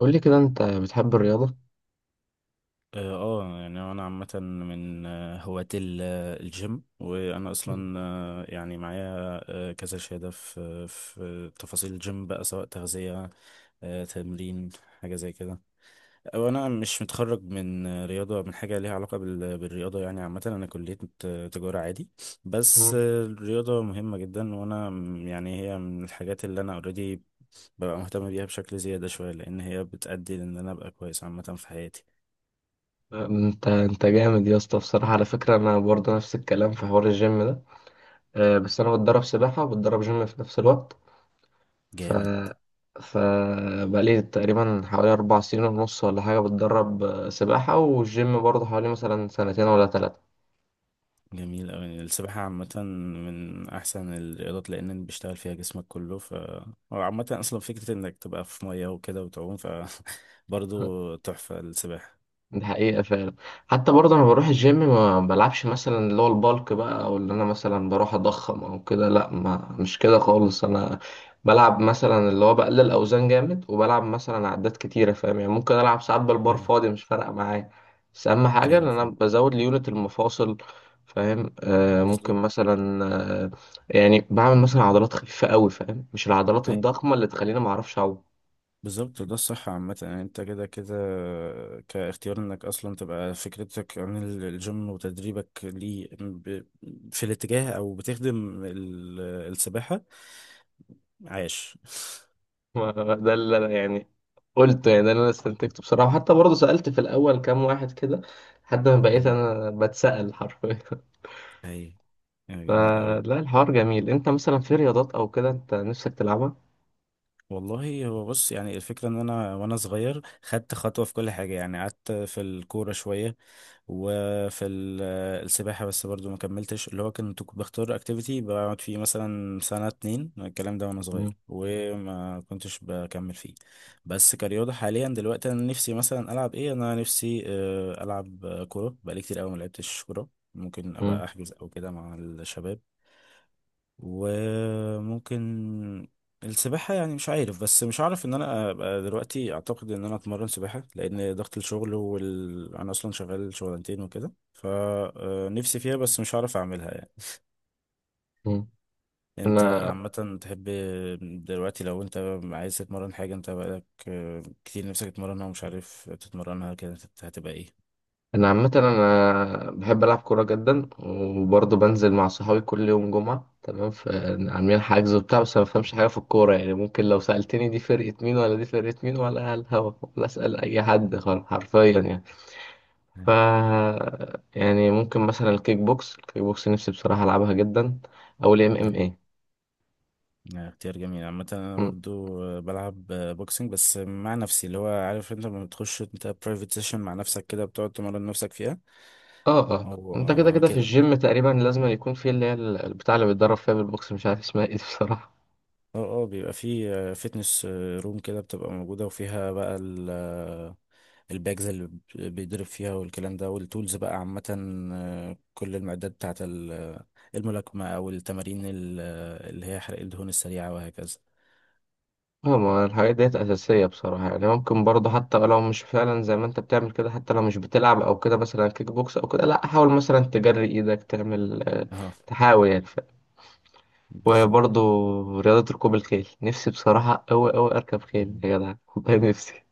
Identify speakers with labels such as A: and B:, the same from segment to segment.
A: قول لي كده انت بتحب الرياضة؟
B: يعني انا عامه من هواة الجيم، وانا اصلا يعني معايا كذا شهاده في تفاصيل الجيم بقى، سواء تغذيه، تمرين، حاجه زي كده. وانا مش متخرج من رياضه، من حاجه ليها علاقه بالرياضه. يعني عامه انا كليه تجاره عادي. بس
A: مم.
B: الرياضه مهمه جدا، وانا يعني هي من الحاجات اللي انا اوريدي ببقى مهتم بيها بشكل زياده شويه، لان هي بتأدي لان انا ابقى كويس عامه في حياتي.
A: انت جامد يا اسطى، بصراحة على فكرة انا برضه نفس الكلام في حوار الجيم ده. بس انا بتدرب سباحة وبتدرب جيم في نفس الوقت. ف
B: جامد.
A: ف بقالي تقريبا حوالي 4 سنين ونص ولا حاجة بتدرب سباحة، والجيم برضه حوالي مثلا سنتين ولا ثلاثة.
B: جميل أوي السباحة عامة، من أحسن الرياضات لأن بيشتغل فيها جسمك كله. هو عامة أصلا فكرة إنك تبقى في مية وكده وتعوم برضه تحفة السباحة.
A: دي حقيقة فعلا. حتى برضه أنا بروح الجيم، ما بلعبش مثلا اللي هو البالك بقى أو اللي أنا مثلا بروح أضخم أو كده، لأ، ما مش كده خالص. أنا بلعب مثلا اللي هو بقلل أوزان جامد، وبلعب مثلا عدات كتيرة، فاهم يعني؟ ممكن ألعب ساعات بالبار
B: أيوة.
A: فاضي، مش فارقة معايا. بس أهم حاجة إن
B: أيوه
A: أنا
B: فاهم.
A: بزود ليونت المفاصل، فاهم؟ ممكن
B: بالظبط.
A: مثلا، آه يعني بعمل مثلا عضلات خفيفة أوي، فاهم؟ مش العضلات
B: أيوه،
A: الضخمة اللي تخليني معرفش أعوم.
B: بالظبط، ده الصح عامة. يعني أنت كده كده كاختيار إنك أصلا تبقى فكرتك عن الجيم وتدريبك ليه في الاتجاه، أو بتخدم السباحة. عاش.
A: ده اللي انا يعني قلت، يعني ده اللي انا استنتجته بصراحه. حتى برضه سالت في الاول كام واحد كده، لحد ما بقيت
B: أيوه،
A: انا بتسال حرفيا.
B: أيوه، جميل أوي.
A: فلا، الحوار جميل. انت مثلا في رياضات او كده انت نفسك تلعبها؟
B: والله هو بص، يعني الفكرة ان انا وانا صغير خدت خطوة في كل حاجة، يعني قعدت في الكورة شوية، وفي السباحة، بس برضو ما كملتش. اللي هو كنت بختار اكتيفيتي بقعد فيه مثلا سنة اتنين، الكلام ده وانا
A: مم.
B: صغير، وما كنتش بكمل فيه. بس كرياضة حاليا دلوقتي انا نفسي مثلا العب ايه، انا نفسي العب كورة، بقالي كتير قوي ما لعبتش كورة. ممكن
A: مم.
B: ابقى احجز او كده مع الشباب. وممكن السباحة، يعني مش عارف، بس مش عارف ان انا ابقى دلوقتي. اعتقد ان انا اتمرن سباحة، لان ضغط الشغل انا اصلا شغال شغلانتين وكده، فنفسي فيها بس مش عارف اعملها يعني.
A: مم.
B: انت
A: انا
B: عامة تحب دلوقتي، لو انت عايز تتمرن حاجة، انت بقالك كتير نفسك تتمرنها ومش عارف تتمرنها كده، هتبقى
A: انا عامه انا بحب العب كوره جدا، وبرضه بنزل مع صحابي كل يوم جمعه، تمام، فعاملين حجز وبتاع. بس أنا ما بفهمش حاجه في الكوره، يعني ممكن لو سالتني دي فرقه مين ولا دي فرقه مين ولا على الهوا، ولا اسال اي حد خالص حرفيا يعني. ف
B: ايه.
A: يعني ممكن مثلا الكيك بوكس، نفسي بصراحة ألعبها جدا، أو ال MMA.
B: اختيار جميل عامة. أنا
A: مم.
B: برضو بلعب بوكسنج بس مع نفسي، اللي هو عارف، أنت لما بتخش أنت برايفت سيشن مع نفسك كده، بتقعد تمرن نفسك فيها،
A: اه، اه،
B: أو
A: انت كده كده في
B: كده.
A: الجيم تقريبا لازم يكون في اللي هي البتاع اللي بيتدرب فيها بالبوكس، مش عارف اسمها ايه دي بصراحة.
B: أه أه بيبقى في فيتنس روم كده بتبقى موجودة، وفيها بقى ال آه، الباجز اللي بيضرب فيها، والكلام ده والتولز بقى عامة، كل المعدات بتاعت الملاكمة، أو التمارين اللي هي حرق الدهون السريعة، وهكذا.
A: اه، ما الحاجات ديت أساسية بصراحة يعني. ممكن برضه حتى لو مش فعلا زي ما انت بتعمل كده، حتى لو مش بتلعب أو كده مثلا كيك بوكس أو كده، لا حاول مثلا تجري إيدك، تعمل
B: أه،
A: تحاول يعني.
B: بالظبط.
A: وبرضه رياضة ركوب الخيل، نفسي بصراحة أوي أوي أركب خيل يا جدع، والله نفسي.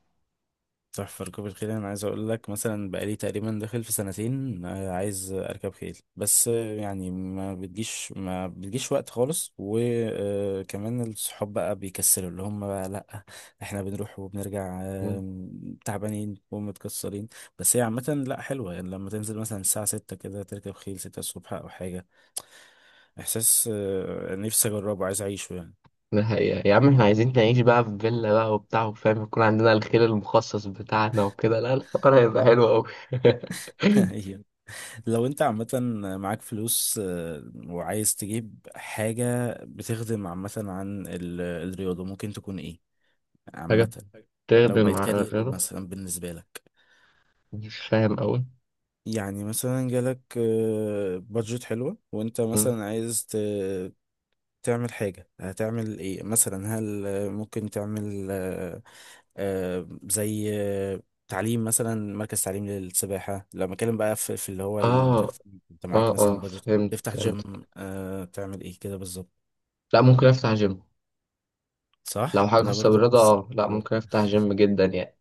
B: تحفة ركوب الخيل. أنا عايز أقول لك مثلا بقالي تقريبا داخل في سنتين عايز أركب خيل، بس يعني ما بتجيش ما بتجيش وقت خالص، وكمان الصحاب بقى بيكسلوا، اللي هم بقى لأ. إحنا بنروح وبنرجع تعبانين ومتكسرين. بس هي عامة لأ حلوة، يعني لما تنزل مثلا الساعة 6 كده تركب خيل 6 الصبح أو حاجة. إحساس نفسي أجربه، عايز أعيشه
A: ده حقيقة يا عم، احنا عايزين نعيش بقى في فيلا بقى وبتاع وفاهم، يكون عندنا الخير المخصص بتاعنا وكده، لا الحوار هيبقى حلو أوي.
B: يعني. لو انت عامة معاك فلوس وعايز تجيب حاجة بتخدم عامة عن الرياضة، ممكن تكون ايه
A: حاجة
B: عامة حلو. لو
A: بتخدم
B: بقت إيه،
A: على
B: كارير
A: غيره.
B: مثلا بالنسبة لك،
A: مش فاهم أوي.
B: يعني مثلا جالك بادجت حلوة، وانت
A: مم.
B: مثلا عايز تعمل حاجة، هتعمل ايه مثلا؟ هل ممكن تعمل زي تعليم مثلا، مركز تعليم للسباحة؟ لما اتكلم بقى في اللي هو انت
A: اه،
B: انت
A: اه،
B: معاك
A: اه،
B: مثلا بادجت،
A: فهمتك
B: تفتح
A: فهمتك.
B: جيم، تعمل ايه كده بالظبط؟
A: لا، ممكن افتح جيم. لو
B: صح،
A: حاجة
B: انا
A: خاصة
B: برضو
A: بالرياضة،
B: نفس
A: اه لا
B: التفكير.
A: ممكن افتح جيم جدا يعني.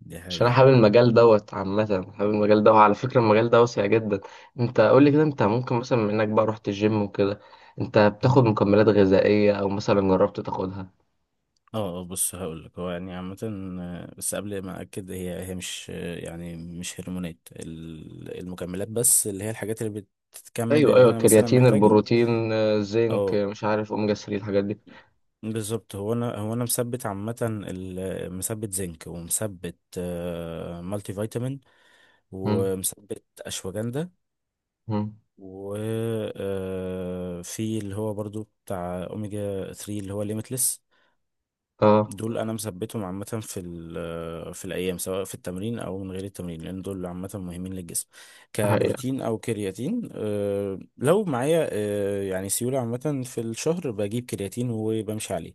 B: دي
A: عشان انا
B: حقيقة.
A: حابب المجال دوت عامة. حابب المجال دوت، على فكرة المجال ده واسع جدا. انت قول لي كده، انت ممكن مثلا منك بقى رحت الجيم وكده، انت
B: مم.
A: بتاخد مكملات غذائية او مثلا جربت تاخدها؟
B: بص هقول لك. هو يعني عامة بس قبل ما اكد، هي مش يعني مش هرمونات المكملات بس، اللي هي الحاجات اللي بتكمل
A: ايوه،
B: اللي
A: ايوه،
B: انا مثلا
A: الكرياتين،
B: محتاجه.
A: البروتين، الزنك،
B: اه،
A: مش عارف، اوميجا 3، الحاجات دي.
B: بالظبط. هو انا مثبت عامه مثبت زنك، ومثبت مالتي فيتامين،
A: مم.
B: ومثبت اشواجندا.
A: مم.
B: و في اللي هو برضو بتاع اوميجا 3، اللي هو ليميتلس.
A: اه
B: دول انا مثبتهم عامه في في الايام، سواء في التمرين او من غير التمرين، لان دول عامه مهمين للجسم
A: دي حقيقة.
B: كبروتين او كرياتين. لو معايا يعني سيوله عامه في الشهر، بجيب كرياتين وبمشي عليه.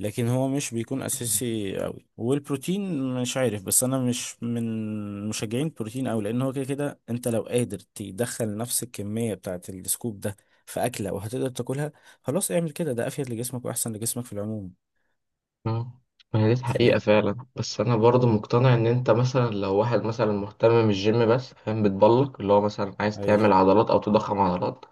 B: لكن هو مش بيكون اساسي قوي. والبروتين مش عارف، بس انا مش من مشجعين البروتين قوي، لان هو كده كده انت لو قادر تدخل نفس الكميه بتاعه السكوب ده في اكله وهتقدر تاكلها، خلاص اعمل كده، ده افيد لجسمك واحسن لجسمك في العموم.
A: مم. ما هي دي الحقيقة فعلا. بس انا برضو مقتنع ان انت مثلا لو واحد مثلا مهتم بالجيم بس، فاهم؟ بتبلك اللي هو مثلا عايز
B: ايوه،
A: تعمل عضلات او تضخم عضلات،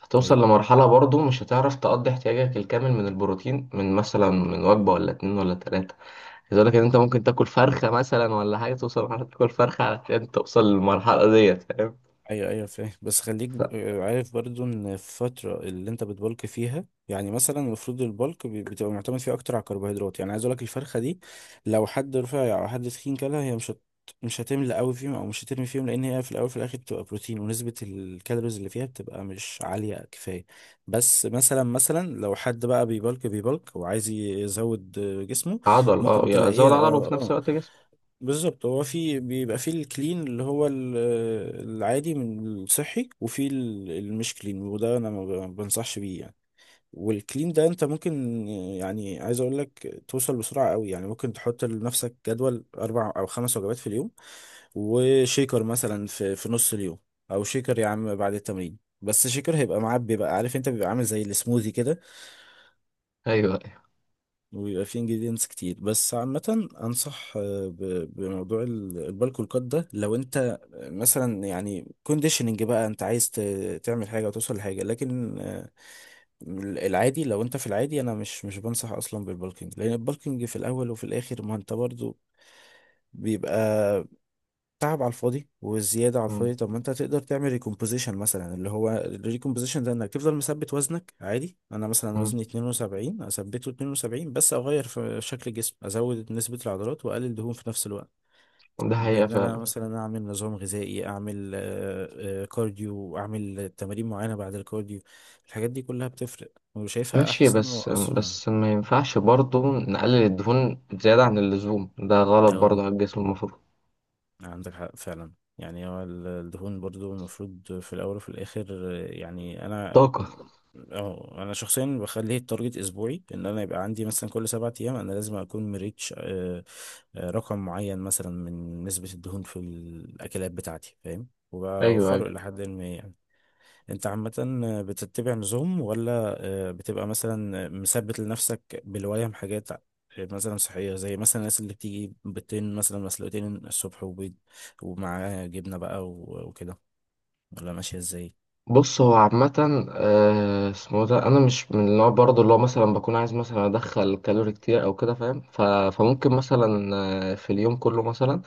A: هتوصل
B: ايوه،
A: لمرحلة برضو مش هتعرف تقضي احتياجك الكامل من البروتين من مثلا من وجبة ولا اتنين ولا تلاتة. عايز اقول لك ان انت ممكن تاكل فرخة مثلا ولا حاجة، توصل لمرحلة تاكل فرخة علشان توصل للمرحلة ديت، فاهم؟
B: ايوه، ايوه، فاهم. بس خليك عارف برضو ان الفترة اللي انت بتبلك فيها، يعني مثلا المفروض البلك بتبقى معتمد فيه اكتر على الكربوهيدرات. يعني عايز اقول لك الفرخة دي، لو حد رفيع او حد تخين، كلها هي مش هتملى قوي فيهم، او مش هترمي فيهم، لان هي في الاول في الاخر بتبقى بروتين، ونسبة الكالوريز اللي فيها بتبقى مش عالية كفاية. بس مثلا لو حد بقى بيبلك بيبلك وعايز يزود جسمه،
A: عضل،
B: ممكن تلاقيها.
A: زود عضل
B: اه،
A: وفي نفس
B: اه،
A: الوقت جسم.
B: بالظبط. هو في بيبقى في الكلين، اللي هو العادي من الصحي، وفي المش كلين، وده انا ما بنصحش بيه يعني. والكلين ده انت ممكن، يعني عايز اقول لك توصل بسرعة قوي، يعني ممكن تحط لنفسك جدول 4 او 5 وجبات في اليوم، وشيكر مثلا في نص اليوم، او شيكر يا عم بعد التمرين. بس شيكر هيبقى معاه، بيبقى عارف انت بيبقى عامل زي السموذي كده،
A: ايوه، ايوه.
B: ويبقى فيه انجريدينتس كتير. بس عامة انصح بموضوع البالكو الكات ده، لو انت مثلا يعني كونديشننج بقى، انت عايز تعمل حاجة وتوصل لحاجة، لكن العادي، لو انت في العادي انا مش بنصح اصلا بالبالكينج، لان البالكينج في الاول وفي الاخر، ما انت برضو بيبقى تعب على الفاضي والزياده على
A: مم.
B: الفاضي. طب ما انت تقدر تعمل ريكومبوزيشن مثلا، اللي هو الريكومبوزيشن ده انك تفضل مثبت وزنك عادي. انا مثلا
A: مم.
B: وزني 72، اثبته 72، بس اغير في شكل الجسم، ازود نسبه العضلات واقلل دهون في نفس الوقت،
A: ده حقيقة
B: بان انا
A: فعلا.
B: مثلا اعمل نظام غذائي، اعمل كارديو، اعمل تمارين معينه بعد الكارديو. الحاجات دي كلها بتفرق، وشايفها
A: ماشي،
B: احسن
A: بس
B: واسرع.
A: بس ما ينفعش برضو نقلل الدهون زيادة عن اللزوم، ده غلط برضو على الجسم المفروض.
B: عندك حق فعلا. يعني هو الدهون برضو المفروض في الأول وفي الآخر يعني
A: طاقة.
B: أنا شخصيا بخليه التارجت أسبوعي، إن أنا يبقى عندي مثلا كل 7 أيام أنا لازم أكون مريتش رقم معين مثلا من نسبة الدهون في الأكلات بتاعتي، فاهم،
A: ايوه، ايوه.
B: وبوفره إلى حد ما يعني. انت عامة بتتبع نظام، ولا بتبقى مثلا مثبت لنفسك بالولاية من حاجات مثلا صحية، زي مثلا الناس اللي بتيجي بيضتين مثلا مسلوقتين الصبح، وبيض ومعاه جبنة بقى وكده، ولا ماشية ازاي؟
A: بص هو عامة، اسمه ده، انا مش من النوع برضو اللي هو مثلا بكون عايز مثلا ادخل كالوري كتير او كده، فاهم؟ فممكن
B: ايوه.
A: مثلا في اليوم كله مثلا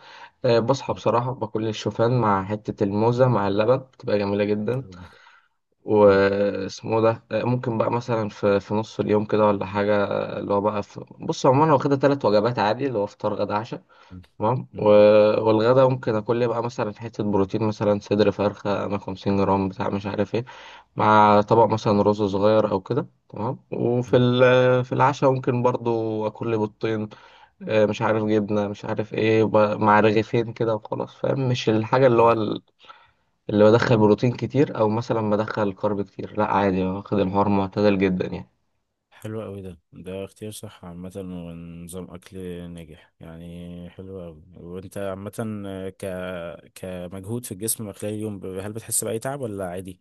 A: بصحى
B: مم.
A: بصراحة باكل الشوفان مع حتة الموزة مع اللبن، بتبقى جميلة جدا.
B: مم.
A: واسمه ده، ممكن بقى مثلا في نص اليوم كده ولا حاجة، اللي هو بقى في. بص عموما انا واخدها 3 وجبات عادي، اللي هو فطار، غدا، عشاء،
B: مم.
A: تمام.
B: مم.
A: والغدا ممكن اكل لي بقى مثلا حتة بروتين، مثلا صدر فرخة انا 50 جرام بتاع مش عارف ايه، مع طبق مثلا رز صغير او كده، تمام. وفي
B: حلو.
A: في العشاء ممكن برضو اكل لي بيضتين، مش عارف، جبنة، مش عارف ايه، مع رغيفين كده وخلاص، فاهم؟ مش الحاجة اللي
B: ايوه.
A: هو اللي بدخل بروتين كتير او مثلا بدخل كارب كتير، لا عادي، واخد الحوار معتدل جدا يعني.
B: حلو قوي، ده اختيار صح عامة ونظام أكل ناجح يعني، حلو قوي. وانت عامة آه، ك كمجهود في الجسم خلال اليوم، هل بتحس بأي تعب ولا عادي؟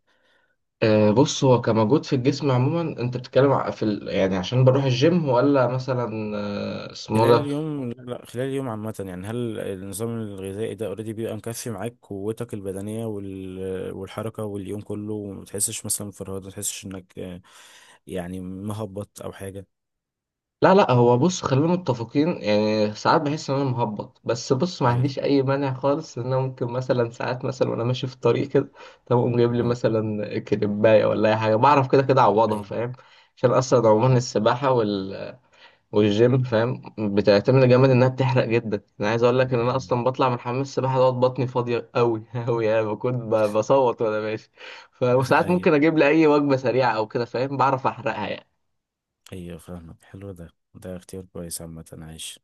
A: بص هو كمجهود في الجسم عموما، انت بتتكلم في يعني عشان بروح الجيم ولا مثلا، اسمه
B: خلال
A: ده.
B: اليوم، لا، لا، خلال اليوم عامة، يعني هل النظام الغذائي ده اوريدي بيبقى مكفي معاك قوتك البدنية والحركة واليوم كله، وما تحسش مثلا بفرهدة، ما تحسش انك يعني مهبط او حاجة.
A: لا، لا، هو بص خلينا متفقين، يعني ساعات بحس ان انا مهبط. بس بص، ما
B: اي،
A: عنديش اي مانع خالص ان انا ممكن مثلا ساعات مثلا وانا ماشي في الطريق كده، طب اقوم جايب لي
B: اه،
A: مثلا كريبايه ولا اي حاجه، بعرف كده كده اعوضها،
B: اي،
A: فاهم؟ عشان اصلا عموما السباحه والجيم فاهم بتعتمد جامد، انها بتحرق جدا. انا عايز اقول لك ان انا
B: اي.
A: اصلا بطلع من حمام السباحه دوت بطني فاضيه قوي قوي، يعني بكون بصوت وانا ماشي. وساعات
B: ايوه،
A: ممكن اجيب لي اي وجبه سريعه او كده، فاهم؟ بعرف احرقها يعني.
B: ايوه فاهمك، حلو ده اختيار كويس عامة، عايش.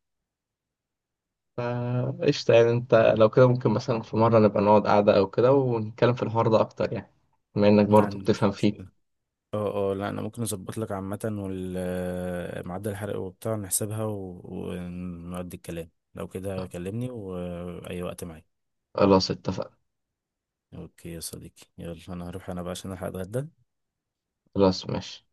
A: فا قشطه، يعني انت لو كده ممكن مثلا في مره نبقى نقعد قعده او كده، ونتكلم في الحوار ده اكتر يعني، بما انك
B: ما
A: برضو بتفهم
B: عنديش مشكلة.
A: فيه.
B: اه، اه، لا انا ممكن اظبط لك عامة، وال معدل الحرق وبتاع نحسبها ونودي الكلام. لو كده كلمني وأي وقت معاك.
A: خلاص اتفقنا.
B: اوكي يا صديقي، يلا انا هروح انا بقى عشان الحق اتغدى.
A: خلاص ماشي.